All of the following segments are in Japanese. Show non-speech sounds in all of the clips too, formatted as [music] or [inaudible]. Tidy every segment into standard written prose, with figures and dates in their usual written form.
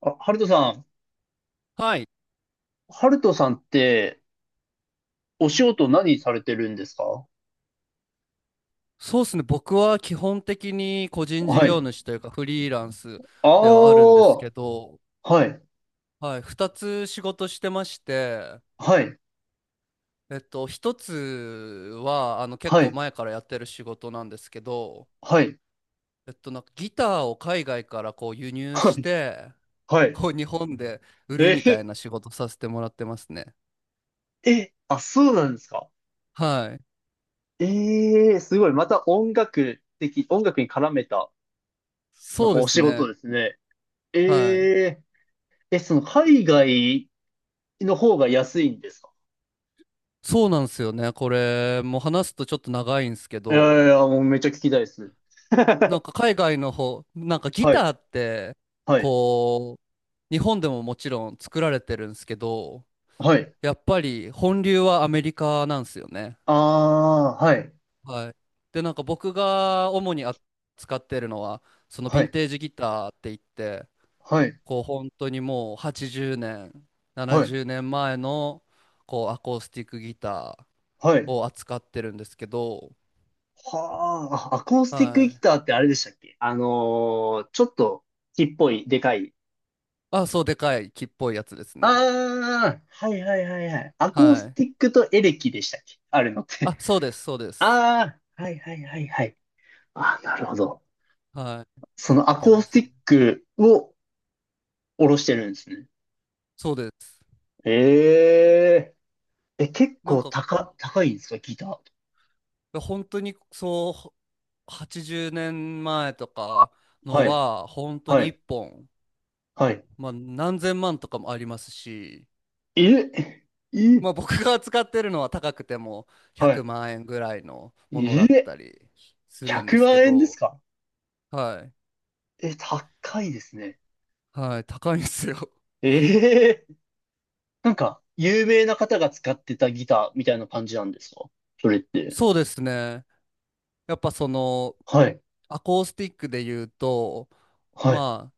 あ、ハルトさん、はい。ハルトさんって、お仕事何されてるんですか？そうですね。僕は基本的に個人事は業い。主というかフリーランスあではあるんですあ、けど、はい、はい。二つ仕事してまして、はい、一つは、結は構い、前からやってる仕事なんですけど、はい、なんかギターを海外からこう輸入はしい、て、はい。こう日本で売るみたえいな仕事させてもらってますね。ー、え、あ、そうなんですか？はい。ええー、すごい。また音楽的、音楽に絡めた、なんそうかでおす仕事ね。ですね。えはい。えー、え、その海外の方が安いんですか？そうなんですよね。これ、もう話すとちょっと長いんですけいやいど、や、もうめっちゃ聞きたいです。なんか海外の方、なんかギはタい、ーって、はい、こう、日本でももちろん作られてるんですけど、はい。やっぱり本流はアメリカなんですよね。ああ、はい、はい。で、なんか僕が主に扱ってるのは、そのヴはィンい、テージギターって言って、はい、こう本当にもう80年、はい、70年前のこうアコースティックギタはーい。を扱ってるんですけど、はあ、アコースティックはギい。ターってあれでしたっけちょっと木っぽい、でかい。あ、そうでかい木っぽいやつですね。ああ、はいはいはいはい。アコーはスい。ティックとエレキでしたっけあるのっあ、て。そうです、[laughs] そうです。ああ、はいはいはいはい。ああ、なるほど。はい。そやっのアてコーまステす。ィックを下ろしてるんですね。そうです。えええ、結なん構か、高、高いんですかギター。本当にそう、80年前とかのはい、は、本当はに1い、本、はい。まあ、何千万とかもありますし、え、え、まあ、僕が使ってるのは高くてもは100万円ぐらいのもい。のだっえ、たりするんで100すけ万円ですど、か？はい。え、高いですね。はい、高いんですよ。ええ、なんか、有名な方が使ってたギターみたいな感じなんですか、それって。そうですね。やっぱその、はい。アコースティックで言うと、はい。ま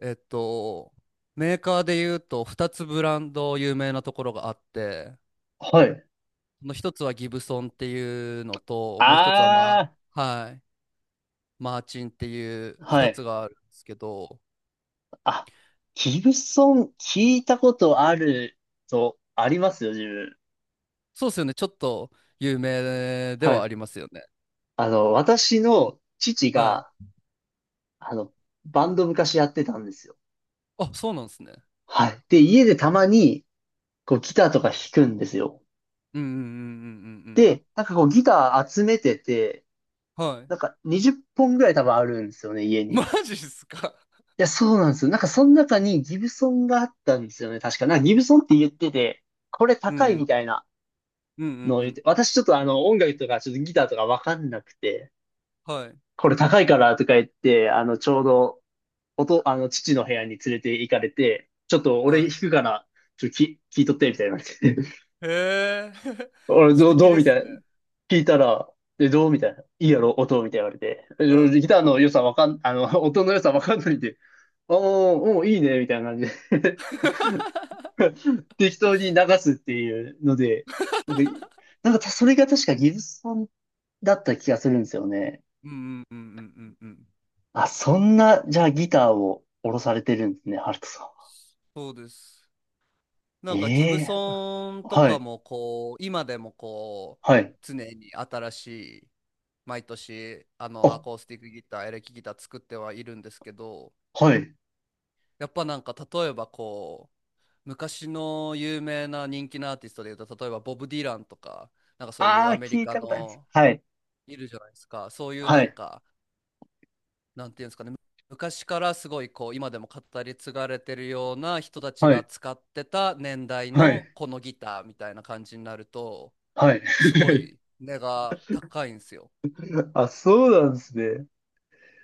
あ、えっと、メーカーで言うと2つブランド有名なところがあって、はい。その1つはギブソンっていうのと、もう1つは、あはい、マーチンっていうあ、は2つい。があるんですけど、あ、ギブソン聞いたことあると、ありますよ、自分。そうですよね、ちょっと有名でははい。ありますよね。あの、私の父はい。が、あの、バンド昔やってたんですよ。あ、そうなんですね。はい。で、家でたまに、こう、ギターとか弾くんですよ。うんうんうんうんうんで、なんかこう、ギター集めてて、うん。はい。なんか20本ぐらい多分あるんですよね、家 [laughs] に。マジっすか。いや、そうなんですよ。なんかその中にギブソンがあったんですよね。確か。なんかギブソンって言ってて、これうんう高いんみたいなうんうんのをう言っん。て、私ちょっとあの音楽とかちょっとギターとかわかんなくて、はい。これ高いからとか言って、あのちょうどおと、あの父の部屋に連れて行かれて、ちょっと俺弾はくから、ちょっとき聞いとってみたいな言われて、い。へえ。[laughs] [laughs] 俺素どう、敵どうでみたすね。いな。聞いたら、え、どうみたいな。いいやろ、音みたいな言われて。えう俺ん。ギターの良さわかん、あの、音の良さわかんないんで、ああ、もういいね、みたいな感じで [laughs] [laughs] 適当に流すっていうので、なんか、なんかたそれが確かギブソンだった気がするんですよね。うんうんうんうんうんうん。あ、そんな、じゃあギターを下ろされてるんですね、ハルトさんは。そうです。なんかギブええ、ソンとはかい、もこう今でもこうはい。常に新しい、毎年あのアあ、コースティックギター、エレキギター作ってはいるんですけど、はい。やっぱなんか例えばこう昔の有名な人気のアーティストでいうと、例えばボブ・ディランとか、なんかそういうああ、アメリ聞いカたことあります。の、はい、いるじゃないですか、そういうはなんい、か、なんていうんですかね、昔からすごいこう今でも語り継がれてるような人たちはがい、使ってた年代はい、のこのギターみたいな感じになると、はい。すごい値が高いんですよ。[laughs] あ、そうなんですね。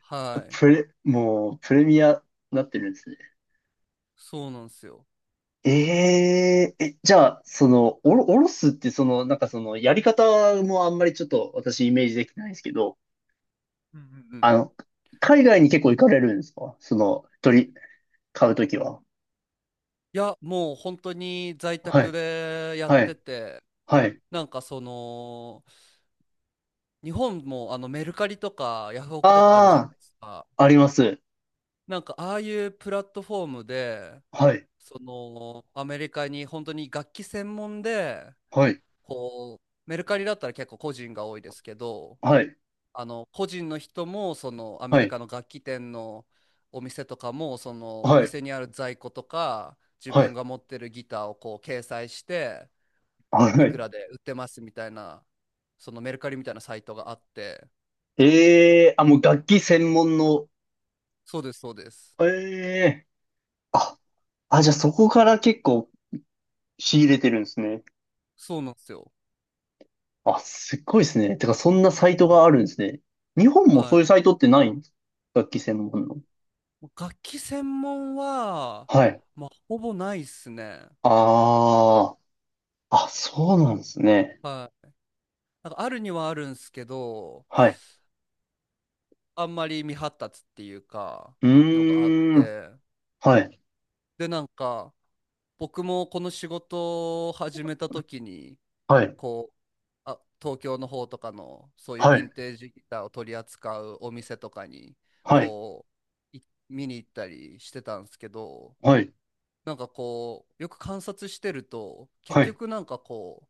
はい。プレ、もう、プレミアになってるんですね。そうなんですよ。ええ、え、じゃあ、その、おろ、おろすって、その、なんかその、やり方もあんまりちょっと私イメージできないんですけど、うんうんうんあうん。の、海外に結構行かれるんですか、その、鳥、買うときは。いや、もう本当に在は宅い、でやっはてい、て、はい。なんかその、日本もあのメルカリとかヤフオクとかあるじゃないあですか。あ、あります。なんかああいうプラットフォームで、はい、そのアメリカに本当に楽器専門で、はい、こう、メルカリだったら結構個人が多いですけど、はい、あの個人の人もそのアメはリい、カの楽器店のお店とかもそのおはい、店にある在庫とか自は分い、が持ってるギターをこう掲載して、はいくい。らで売ってますみたいな、そのメルカリみたいなサイトがあって。ええ、あ、もう楽器専門の、そうです、そうです。ええ、あ、あ、じゃあそこから結構仕入れてるんですね。そうなんですよ。あ、すっごいですね。てか、そんなサイトはがあるんですね。日本いもそうはいうサイい。トってないんですか、楽器専門の。楽器専門ははい。まあほぼないっすね。ああ、あ、そうなんですね。はい、なんかあるにはあるんすけど、はい。あんまり未発達っていうか、うのがあっーん。て、はい。で、なんか、僕もこの仕事を始めた時に、はい。こう、あ、東京の方とかの、そういうはヴィンい。テージギターを取り扱うお店とかに、はい。こう、い見に行ったりしてたんですけど、はい。なんかこう、よく観察してると、結はい。局なんかこう、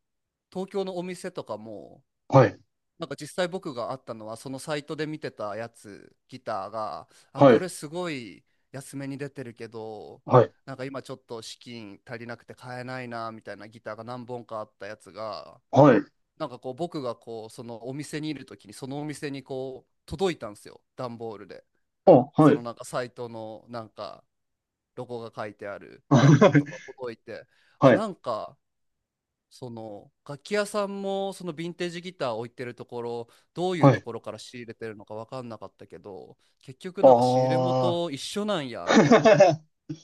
東京のお店とかも、はい。なんか実際僕があったのはそのサイトで見てたやつ、ギターが、あはこい。れすごい安めに出てるけどはい。なんか今ちょっと資金足りなくて買えないなみたいなギターが何本かあったやつが、はい。なんかこう僕がこうそのお店にいる時にそのお店にこう届いたんですよ、段ボールで。あ、はそのい。なんかサイトのなんかロゴが書いてある段ボールとか [laughs] 届いて、あはい。なんか、その楽器屋さんもそのヴィンテージギター置いてるところ、どういうはとい。ころから仕入れてるのか分かんなかったけど、結局なんか仕入れああ。元一緒なんやみ [laughs] たいな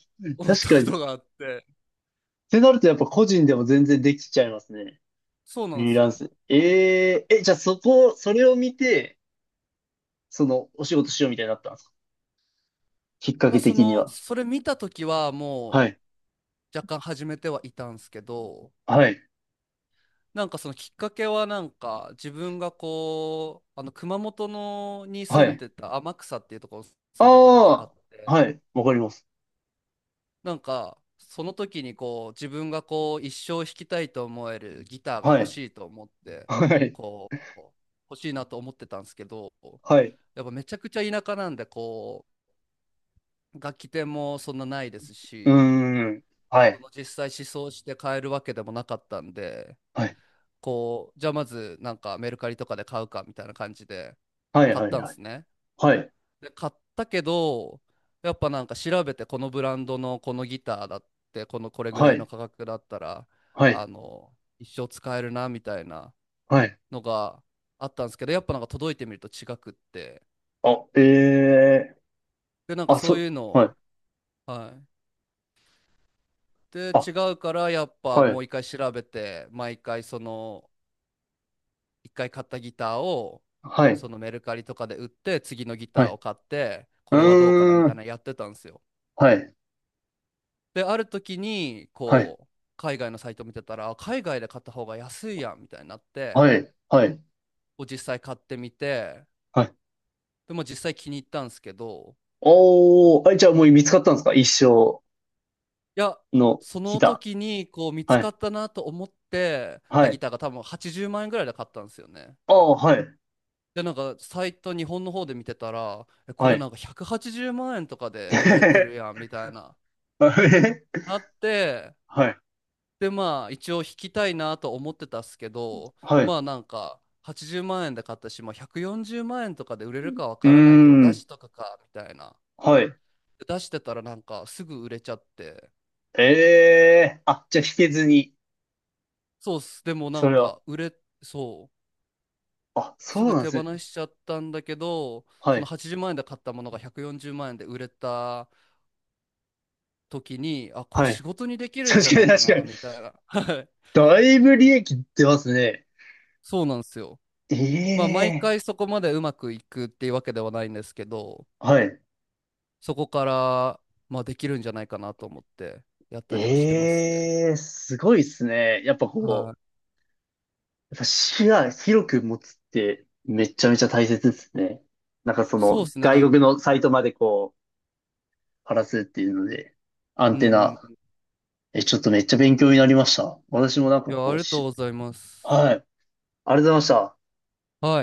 [laughs] 思っ確たかこに。っとがあって、てなるとやっぱ個人でも全然できちゃいますね。そうフなんでリーすランよ。ス。えええ、じゃあそこ、それを見て、その、お仕事しようみたいになったんですか、きっかまあけそ的にのは。それ見た時ははもい。う若干始めてはいたんですけど、はい。なんかそのきっかけはなんか自分がこうあの熊本のに住はんい。でた天草っていうところに住んでた時あっああ、て、はい。わかります。なんか、その時にこう、自分がこう、一生弾きたいと思えるギターがは欲い。しいと思って、はい。こう、欲しいなと思ってたんですけど、はい。やっぱめちゃくちゃ田舎なんで、こう、楽器店もそんなないですうーし、ん。はそい。の実際試奏して買えるわけでもなかったんで、はい。こう、じゃあまずなんかメルカリとかで買うかみたいな感じではい。買っはい。たんはでい。すね。はい。で買ったけど、やっぱなんか調べてこのブランドのこのギターだって、このこれぐらはいのい。価格だったらはい。あの一生使えるなみたいなはい。のがあったんですけど、やっぱなんか届いてみると違くって、あ、ええー、でなんかあ、そうそ、いうのはい。を、はい、であ、違うから、やっぱはもい。う一回調べて毎回その一回買ったギターをはい。そのメルカリとかで売って、次のギはターをい。買ってこれはどうかなみうーたいん。なのやってたんですよ。はい。で、ある時に、はい。こう、海外のサイト見てたら、あ海外で買った方が安いやんみたいになって、はい。はい。を実際買ってみて、はい。でも実際気に入ったんですけど、おー。あ、じゃあもう見つかったんですか、一生いや、のそギのタ時にこう見ー。つはかい。ったなと思ってはたギい。ターが多分80万円ぐらいで買ったんですよね。ああ、はい。で、なんかサイト日本の方で見てたら、えこはれい。なんか180万円とかで売られてる [laughs] やんみたいな。[laughs] あえ、なって、はい、でまあ一応引きたいなと思ってたっすけど、はい。まうあなんか80万円で買ったし、まあ、140万円とかで売れるかわーからないけど出ん、しとかかみたいな、はい。で出してたらなんかすぐ売れちゃって、ええ、あ、じゃあ引けずに、そうっす、でもなそんれは。か売れそう、あ、そすうぐなんで手す放ね。しちゃったんだけどはそのい、80万円で買ったものが140万円で売れた時に、あこれはい。仕事にできるんじゃ確かなにいか確なかに。みたいな [laughs] はい。だいぶ利益出ますね。そうなんですよ。まあ毎ええ、回そこまでうまくいくっていうわけではないんですけど、はい。そこから、まあ、できるんじゃないかなと思ってやったりはしてますね。ええ、すごいですね。やっぱはこう、い。やっぱ視野広く持つってめちゃめちゃ大切ですね。なんかそそうのですね。外国のサイトまでこう、晴らすっていうので、アンうテんナうん。え、ちょっとめっちゃ勉強になりました。私もなんいかや、こあうりがとうし、ございます。はい。ありがとうございました。はい